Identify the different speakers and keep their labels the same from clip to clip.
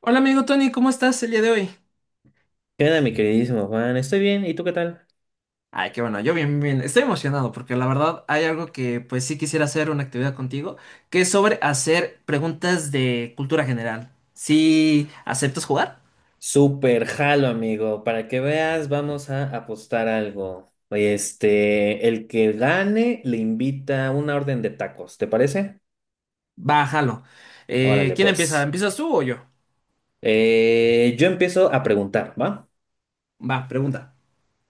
Speaker 1: Hola amigo Tony, ¿cómo estás el día de hoy?
Speaker 2: ¿Qué onda, mi queridísimo Juan? Estoy bien, ¿y tú qué tal?
Speaker 1: Ay, qué bueno, yo bien, bien. Estoy emocionado porque la verdad hay algo que pues sí quisiera hacer una actividad contigo, que es sobre hacer preguntas de cultura general. ¿Si aceptas jugar?
Speaker 2: Súper jalo, amigo. Para que veas, vamos a apostar algo. Oye, el que gane le invita una orden de tacos, ¿te parece?
Speaker 1: Bájalo.
Speaker 2: Órale,
Speaker 1: ¿Quién empieza?
Speaker 2: pues.
Speaker 1: ¿Empiezas tú o yo?
Speaker 2: Yo empiezo a preguntar, ¿va?
Speaker 1: Va, pregunta.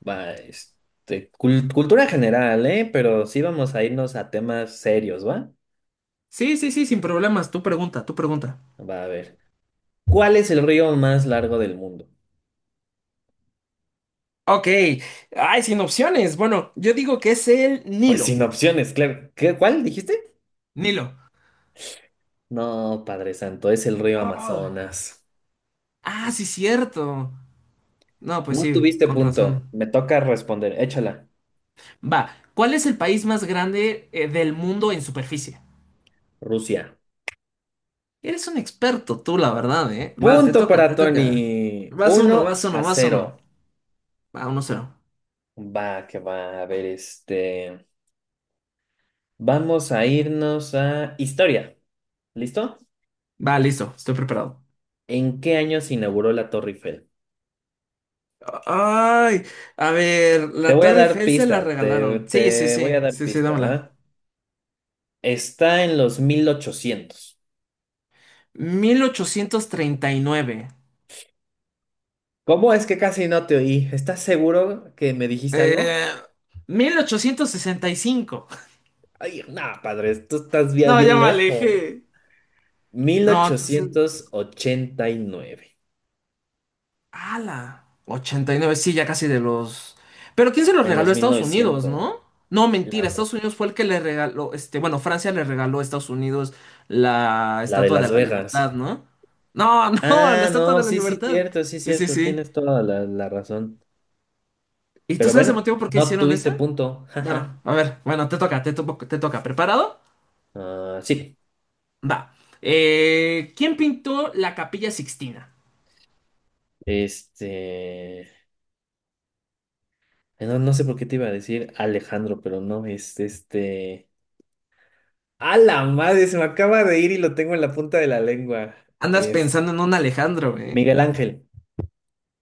Speaker 2: Va, cultura general, ¿eh? Pero sí vamos a irnos a temas serios, ¿va?
Speaker 1: Sí, sí, sí, sin problemas. Tú pregunta, tú pregunta.
Speaker 2: Va a ver. ¿Cuál es el río más largo del mundo?
Speaker 1: Ok. Ay, sin opciones. Bueno, yo digo que es el
Speaker 2: Pues
Speaker 1: Nilo.
Speaker 2: sin opciones, claro. ¿Qué, cuál dijiste?
Speaker 1: Nilo.
Speaker 2: No, Padre Santo, es el río
Speaker 1: Ay.
Speaker 2: Amazonas.
Speaker 1: Ah, sí, cierto. No, pues
Speaker 2: No
Speaker 1: sí,
Speaker 2: tuviste
Speaker 1: con
Speaker 2: punto.
Speaker 1: razón.
Speaker 2: Me toca responder. Échala.
Speaker 1: Va, ¿cuál es el país más grande del mundo en superficie?
Speaker 2: Rusia.
Speaker 1: Eres un experto tú, la verdad, ¿eh? Va, te
Speaker 2: Punto
Speaker 1: toca,
Speaker 2: para
Speaker 1: te toca.
Speaker 2: Tony.
Speaker 1: Vas uno, vas
Speaker 2: Uno
Speaker 1: uno,
Speaker 2: a
Speaker 1: vas uno.
Speaker 2: cero.
Speaker 1: Va, uno cero.
Speaker 2: Va, que va. A ver, Vamos a irnos a historia. ¿Listo?
Speaker 1: Va, listo, estoy preparado.
Speaker 2: ¿En qué año se inauguró la Torre Eiffel?
Speaker 1: Ay, a ver,
Speaker 2: Te
Speaker 1: la
Speaker 2: voy a
Speaker 1: Torre
Speaker 2: dar
Speaker 1: Eiffel se la
Speaker 2: pista. Te,
Speaker 1: regalaron. Sí, sí,
Speaker 2: te voy
Speaker 1: sí,
Speaker 2: a dar
Speaker 1: sí, sí,
Speaker 2: pista,
Speaker 1: dámela.
Speaker 2: ¿va? Está en los 1800.
Speaker 1: 1839.
Speaker 2: ¿Cómo es que casi no te oí? ¿Estás seguro que me dijiste algo?
Speaker 1: Eh, 1865.
Speaker 2: Ay, nada, padre, tú estás bien,
Speaker 1: No, ya
Speaker 2: bien
Speaker 1: me
Speaker 2: lejos.
Speaker 1: alejé.
Speaker 2: Mil
Speaker 1: No, entonces.
Speaker 2: ochocientos ochenta y nueve,
Speaker 1: ¡Hala! Ochenta y nueve, sí, ya casi de los... Pero ¿quién se los
Speaker 2: en
Speaker 1: regaló a
Speaker 2: los mil
Speaker 1: Estados Unidos,
Speaker 2: novecientos,
Speaker 1: no? No, mentira,
Speaker 2: la,
Speaker 1: Estados Unidos fue el que le regaló, bueno, Francia le regaló a Estados Unidos la
Speaker 2: la de
Speaker 1: Estatua de
Speaker 2: Las
Speaker 1: la Libertad,
Speaker 2: Vegas.
Speaker 1: ¿no? No, no, la
Speaker 2: Ah,
Speaker 1: Estatua
Speaker 2: no,
Speaker 1: de la
Speaker 2: sí,
Speaker 1: Libertad.
Speaker 2: sí,
Speaker 1: Sí, sí,
Speaker 2: cierto,
Speaker 1: sí.
Speaker 2: tienes toda la razón.
Speaker 1: ¿Y tú
Speaker 2: Pero
Speaker 1: sabes el
Speaker 2: bueno,
Speaker 1: motivo por qué
Speaker 2: no
Speaker 1: hicieron
Speaker 2: tuviste
Speaker 1: esa?
Speaker 2: punto.
Speaker 1: Bueno,
Speaker 2: Jaja.
Speaker 1: a ver, bueno, te toca, te toca, te toca. ¿Preparado?
Speaker 2: Ah, sí,
Speaker 1: Va. ¿Quién pintó la Capilla Sixtina?
Speaker 2: este... no, no sé por qué te iba a decir Alejandro, pero no, ¡A la madre! Se me acaba de ir y lo tengo en la punta de la lengua.
Speaker 1: Andas
Speaker 2: Es
Speaker 1: pensando en un Alejandro, ¿eh?
Speaker 2: Miguel Ángel.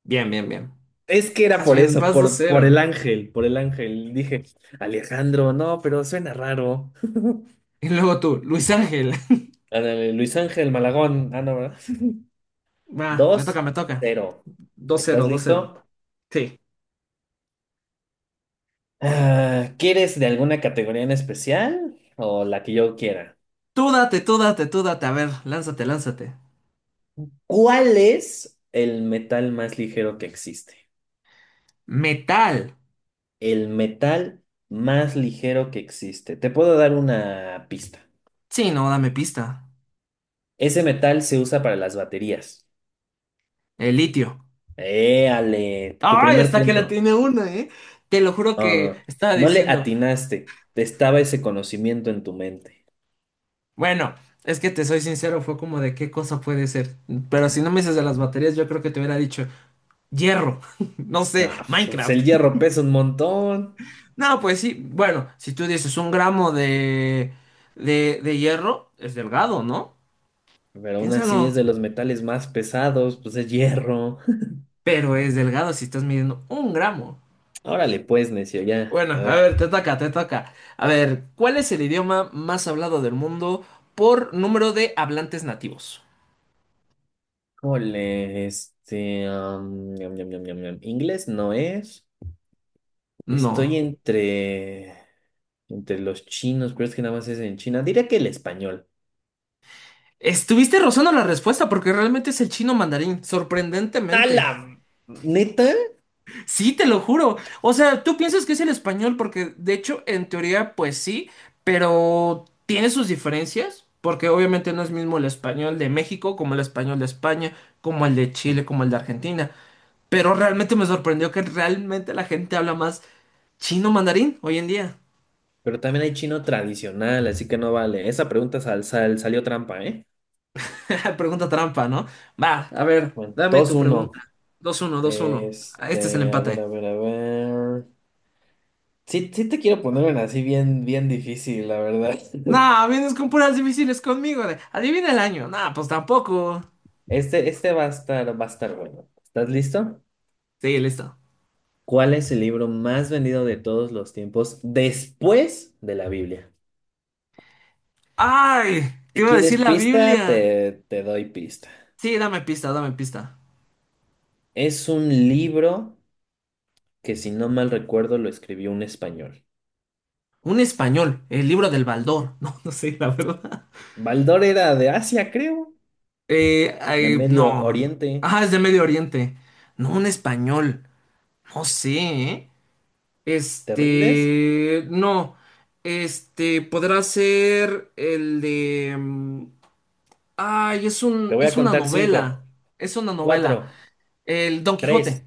Speaker 1: Bien, bien, bien.
Speaker 2: Es que era
Speaker 1: Más
Speaker 2: por
Speaker 1: bien,
Speaker 2: eso,
Speaker 1: vas dos
Speaker 2: por el
Speaker 1: cero.
Speaker 2: ángel, por el ángel. Dije, Alejandro, no, pero suena raro.
Speaker 1: Y luego tú, Luis Ángel.
Speaker 2: Ándale, Luis Ángel Malagón, ah, no, ¿verdad?
Speaker 1: Va, me toca,
Speaker 2: Dos,
Speaker 1: me toca.
Speaker 2: cero.
Speaker 1: Dos
Speaker 2: ¿Estás
Speaker 1: cero, dos cero.
Speaker 2: listo?
Speaker 1: Sí.
Speaker 2: Ah, ¿quieres de alguna categoría en especial o la que yo quiera?
Speaker 1: Tú date, tú date, tú date. A ver, lánzate, lánzate.
Speaker 2: ¿Cuál es el metal más ligero que existe?
Speaker 1: Metal.
Speaker 2: El metal más ligero que existe. Te puedo dar una pista.
Speaker 1: Sí, no, dame pista.
Speaker 2: Ese metal se usa para las baterías.
Speaker 1: El litio.
Speaker 2: Éale, tu
Speaker 1: Ay,
Speaker 2: primer
Speaker 1: hasta que
Speaker 2: punto.
Speaker 1: la tiene una, ¿eh? Te lo juro
Speaker 2: Ah,
Speaker 1: que estaba
Speaker 2: no, no le
Speaker 1: diciendo.
Speaker 2: atinaste. Estaba ese conocimiento en tu mente.
Speaker 1: Bueno, es que te soy sincero, fue como de qué cosa puede ser. Pero si no me dices de las baterías, yo creo que te hubiera dicho hierro. No sé,
Speaker 2: Ah, pues
Speaker 1: Minecraft.
Speaker 2: el hierro pesa un montón,
Speaker 1: No, pues sí. Bueno, si tú dices un gramo de hierro, es delgado, ¿no?
Speaker 2: pero aún
Speaker 1: Piénsalo,
Speaker 2: así es de los metales más pesados, pues es hierro.
Speaker 1: pero es delgado si estás midiendo un gramo.
Speaker 2: Órale, pues, necio, ya.
Speaker 1: Bueno,
Speaker 2: A
Speaker 1: a
Speaker 2: ver.
Speaker 1: ver, te toca, te toca. A ver, ¿cuál es el idioma más hablado del mundo por número de hablantes nativos?
Speaker 2: Híjole, ñam, ñam, ñam, ñam, ñam. Inglés no es. Estoy
Speaker 1: No.
Speaker 2: entre. Entre los chinos, pero es que nada más es en China. Diría que el español.
Speaker 1: Estuviste rozando la respuesta porque realmente es el chino mandarín,
Speaker 2: ¡A la
Speaker 1: sorprendentemente.
Speaker 2: neta!
Speaker 1: Sí, te lo juro. O sea, tú piensas que es el español porque de hecho en teoría pues sí, pero tiene sus diferencias porque obviamente no es mismo el español de México como el español de España, como el de Chile, como el de Argentina. Pero realmente me sorprendió que realmente la gente habla más chino mandarín hoy en día.
Speaker 2: Pero también hay chino tradicional, así que no vale. Esa pregunta salió trampa, ¿eh?
Speaker 1: Pregunta trampa, ¿no? Va, a ver,
Speaker 2: Bueno,
Speaker 1: dame
Speaker 2: dos
Speaker 1: tu
Speaker 2: uno
Speaker 1: pregunta. Dos uno, dos uno. Este es el
Speaker 2: A ver,
Speaker 1: empate.
Speaker 2: a ver, a ver. Sí, sí te quiero poner una así bien, bien difícil, la verdad.
Speaker 1: No, vienes con puras difíciles conmigo. Adivina el año. No, pues tampoco.
Speaker 2: Este va a estar bueno. ¿Estás listo?
Speaker 1: Sí, listo.
Speaker 2: ¿Cuál es el libro más vendido de todos los tiempos después de la Biblia?
Speaker 1: ¡Ay! Te
Speaker 2: Si
Speaker 1: iba a
Speaker 2: quieres
Speaker 1: decir la
Speaker 2: pista,
Speaker 1: Biblia.
Speaker 2: te doy pista.
Speaker 1: Sí, dame pista, dame pista.
Speaker 2: Es un libro que, si no mal recuerdo, lo escribió un español.
Speaker 1: Un español, el libro del Baldor. No, no sé, la verdad.
Speaker 2: Baldor era de Asia, creo, de
Speaker 1: Ay,
Speaker 2: Medio
Speaker 1: no.
Speaker 2: Oriente.
Speaker 1: Ah, es de Medio Oriente. No, un español. No sé, ¿eh?
Speaker 2: ¿Te rindes?
Speaker 1: No, podrá ser el de... Ay,
Speaker 2: Te voy a
Speaker 1: es una
Speaker 2: contar
Speaker 1: novela,
Speaker 2: cinco.
Speaker 1: es una novela.
Speaker 2: Cuatro,
Speaker 1: El Don Quijote,
Speaker 2: tres,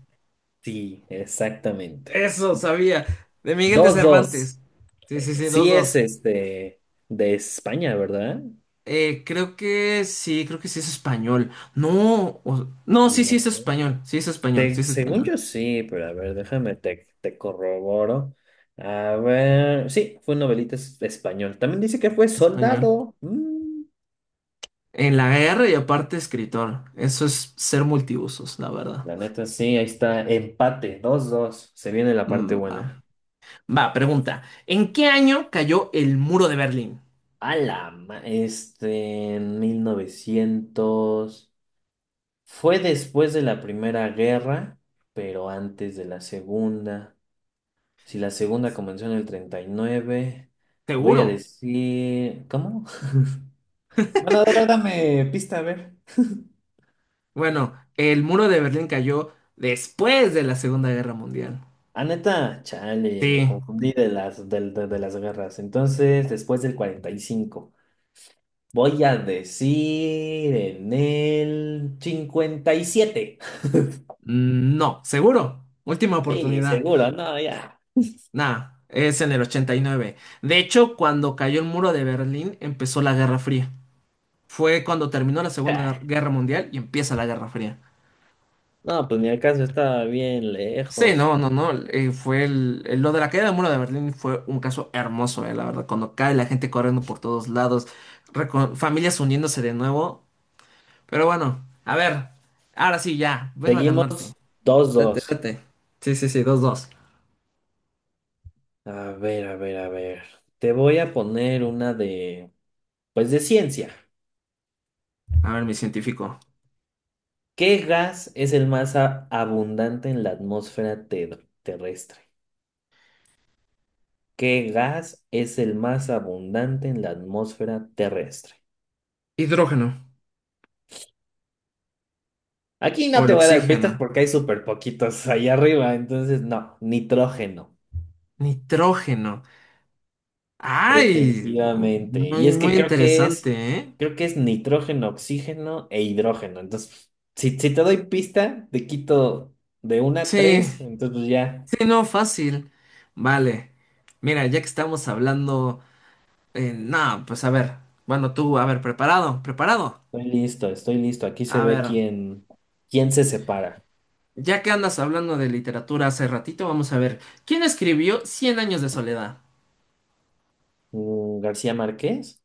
Speaker 2: sí, exactamente.
Speaker 1: eso sabía, de Miguel de
Speaker 2: Dos, dos.
Speaker 1: Cervantes. Sí, sí, sí, dos,
Speaker 2: Sí es
Speaker 1: dos.
Speaker 2: este de España, ¿verdad?
Speaker 1: Creo que sí es español. No, no, sí, sí es
Speaker 2: No.
Speaker 1: español, sí es español, sí es
Speaker 2: Según
Speaker 1: español,
Speaker 2: yo sí, pero a ver, déjame, te corroboro. A ver, sí, fue un novelista español. También dice que fue
Speaker 1: español.
Speaker 2: soldado. Mm,
Speaker 1: En la guerra y aparte escritor, eso es ser multiusos, la verdad.
Speaker 2: la neta, sí, ahí está, empate, 2-2. Se viene la parte
Speaker 1: Va.
Speaker 2: buena.
Speaker 1: Va, pregunta. ¿En qué año cayó el muro de Berlín?
Speaker 2: En mil novecientos. Fue después de la Primera Guerra, pero antes de la Segunda. Si la Segunda comenzó en el 39, voy
Speaker 1: ¿Seguro?
Speaker 2: a decir... ¿Cómo? Bueno, de verdad me pista, a ver.
Speaker 1: Bueno, el muro de Berlín cayó después de la Segunda Guerra Mundial.
Speaker 2: Ah, neta, chale, me
Speaker 1: Sí.
Speaker 2: confundí de de las guerras. Entonces, después del 45, voy a decir en el 57.
Speaker 1: No, seguro. Última
Speaker 2: Sí,
Speaker 1: oportunidad.
Speaker 2: seguro, no, ya.
Speaker 1: Nah, es en el 89. De hecho, cuando cayó el muro de Berlín, empezó la Guerra Fría. Fue cuando terminó la Segunda Guer- Guerra Mundial y empieza la Guerra Fría.
Speaker 2: No, pues ni acaso estaba bien
Speaker 1: Sí,
Speaker 2: lejos.
Speaker 1: no, no, no. Fue lo de la caída del muro de Berlín fue un caso hermoso, la verdad. Cuando cae la gente corriendo por todos lados, familias uniéndose de nuevo. Pero bueno, a ver, ahora sí, ya, vengo a ganarte.
Speaker 2: Seguimos dos
Speaker 1: Date,
Speaker 2: dos
Speaker 1: date. Sí, sí, sí, dos, dos.
Speaker 2: A ver, a ver, a ver. Te voy a poner una pues de ciencia.
Speaker 1: A ver, mi científico.
Speaker 2: ¿Qué gas es el más abundante en la atmósfera terrestre? ¿Qué gas es el más abundante en la atmósfera terrestre?
Speaker 1: Hidrógeno
Speaker 2: Aquí no
Speaker 1: o el
Speaker 2: te voy a dar
Speaker 1: oxígeno.
Speaker 2: pistas porque hay súper poquitos ahí arriba, entonces no, nitrógeno.
Speaker 1: Nitrógeno. Ay,
Speaker 2: Efectivamente. Y
Speaker 1: muy,
Speaker 2: es
Speaker 1: muy
Speaker 2: que
Speaker 1: interesante, ¿eh?
Speaker 2: creo que es nitrógeno, oxígeno e hidrógeno. Entonces, si te doy pista, te quito de una a
Speaker 1: Sí,
Speaker 2: tres, entonces pues ya
Speaker 1: sí, no, fácil. Vale. Mira, ya que estamos hablando. No, pues a ver. Bueno, tú, a ver, preparado, preparado.
Speaker 2: estoy listo, estoy listo. Aquí se
Speaker 1: A
Speaker 2: ve
Speaker 1: ver,
Speaker 2: quién, quién se separa.
Speaker 1: ya que andas hablando de literatura hace ratito, vamos a ver. ¿Quién escribió Cien años de soledad?
Speaker 2: Mm, ¿García Márquez?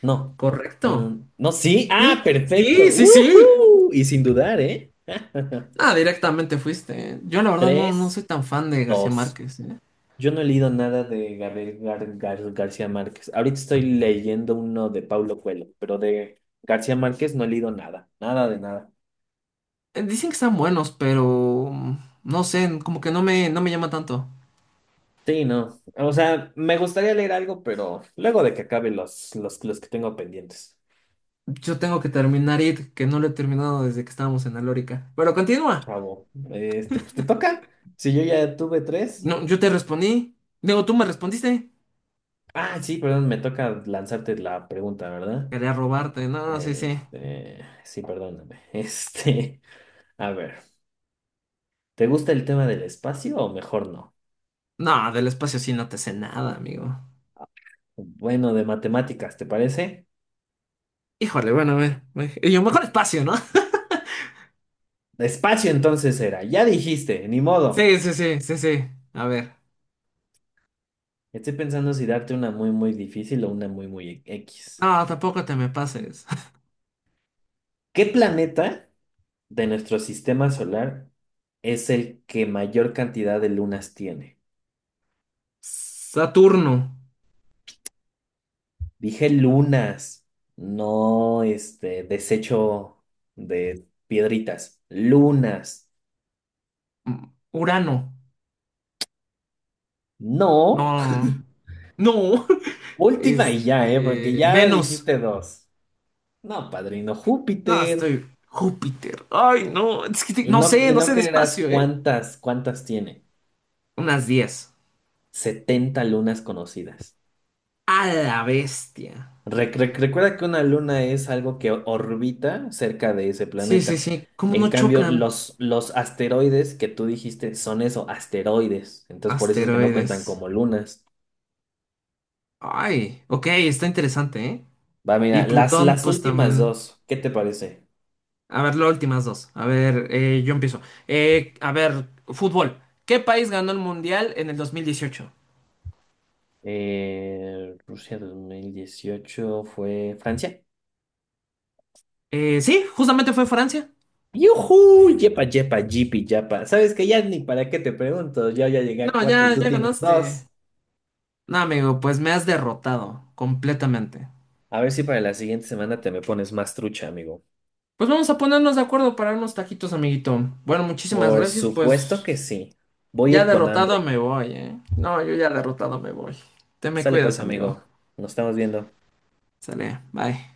Speaker 2: No.
Speaker 1: ¿Correcto?
Speaker 2: Mm, no, sí. Ah,
Speaker 1: ¿Sí? Sí,
Speaker 2: perfecto.
Speaker 1: sí, sí.
Speaker 2: ¡Uhú! Y sin dudar, ¿eh?
Speaker 1: Ah, directamente fuiste. ¿Eh? Yo la verdad no
Speaker 2: Tres,
Speaker 1: soy tan fan de García
Speaker 2: dos.
Speaker 1: Márquez. ¿Eh?
Speaker 2: Yo no he leído nada de Gabriel García Márquez. Ahorita estoy leyendo uno de Paulo Coelho, pero de García Márquez no he leído nada, nada de nada.
Speaker 1: Dicen que están buenos, pero no sé, como que no me llama tanto.
Speaker 2: Sí, no. O sea, me gustaría leer algo, pero luego de que acabe los que tengo pendientes.
Speaker 1: Yo tengo que terminar It, que no lo he terminado desde que estábamos en Alórica. Pero continúa.
Speaker 2: Chavo, pues te toca. Si yo ya tuve tres.
Speaker 1: No, yo te respondí. Luego tú me respondiste.
Speaker 2: Ah, sí, perdón, me toca lanzarte la pregunta, ¿verdad?
Speaker 1: Quería robarte. No, sí, sí.
Speaker 2: Sí, perdóname. A ver, ¿te gusta el tema del espacio o mejor no?
Speaker 1: No, del espacio sí no te sé nada, amigo.
Speaker 2: Bueno, de matemáticas, ¿te parece?
Speaker 1: Híjole, bueno, a ver. Y yo, mejor espacio, ¿no?
Speaker 2: Espacio entonces era, ya dijiste, ni modo.
Speaker 1: Sí, sí, sí, sí, sí. A ver.
Speaker 2: Estoy pensando si darte una muy, muy difícil o una muy, muy X.
Speaker 1: No, tampoco te me pases.
Speaker 2: ¿Qué planeta de nuestro sistema solar es el que mayor cantidad de lunas tiene?
Speaker 1: Saturno.
Speaker 2: Dije lunas, no este desecho de piedritas, lunas.
Speaker 1: Mm, Urano.
Speaker 2: No,
Speaker 1: No. No.
Speaker 2: última y ya, ¿eh? Porque ya
Speaker 1: Venus.
Speaker 2: dijiste dos. No, padrino,
Speaker 1: No,
Speaker 2: Júpiter.
Speaker 1: estoy. Júpiter. Ay, no. Es que
Speaker 2: Y
Speaker 1: no
Speaker 2: no,
Speaker 1: sé,
Speaker 2: y
Speaker 1: no
Speaker 2: no
Speaker 1: sé de
Speaker 2: creerás
Speaker 1: espacio, ¿eh?
Speaker 2: cuántas tiene.
Speaker 1: Unas 10.
Speaker 2: 70 lunas conocidas.
Speaker 1: A la bestia.
Speaker 2: Recuerda que una luna es algo que orbita cerca de ese
Speaker 1: Sí, sí,
Speaker 2: planeta.
Speaker 1: sí. ¿Cómo no
Speaker 2: En cambio,
Speaker 1: chocan?
Speaker 2: los asteroides que tú dijiste son eso, asteroides. Entonces, por eso es que no cuentan
Speaker 1: Asteroides.
Speaker 2: como lunas.
Speaker 1: Ay, ok, está interesante, ¿eh?
Speaker 2: Va,
Speaker 1: Y
Speaker 2: mira,
Speaker 1: Plutón,
Speaker 2: las
Speaker 1: pues
Speaker 2: últimas
Speaker 1: también.
Speaker 2: dos, ¿qué te parece?
Speaker 1: A ver, las últimas dos. A ver, yo empiezo. A ver, fútbol. ¿Qué país ganó el Mundial en el 2018?
Speaker 2: Rusia 2018 fue Francia.
Speaker 1: Sí, justamente fue Francia.
Speaker 2: Yuhu, yepa, yepa, yipi, yapa. Sabes que ya ni para qué te pregunto, yo ya llegué a
Speaker 1: No,
Speaker 2: cuatro y
Speaker 1: ya,
Speaker 2: tú
Speaker 1: ya
Speaker 2: tienes dos.
Speaker 1: ganaste. No, amigo, pues me has derrotado completamente.
Speaker 2: A ver si para la siguiente semana te me pones más trucha, amigo.
Speaker 1: Pues vamos a ponernos de acuerdo para unos taquitos, amiguito. Bueno, muchísimas
Speaker 2: Por
Speaker 1: gracias,
Speaker 2: supuesto
Speaker 1: pues
Speaker 2: que sí. Voy a
Speaker 1: ya
Speaker 2: ir con
Speaker 1: derrotado
Speaker 2: hambre.
Speaker 1: me voy, ¿eh? No, yo ya derrotado me voy. Te me
Speaker 2: Sale pues,
Speaker 1: cuidas, amigo.
Speaker 2: amigo. Nos estamos viendo.
Speaker 1: Sale, bye.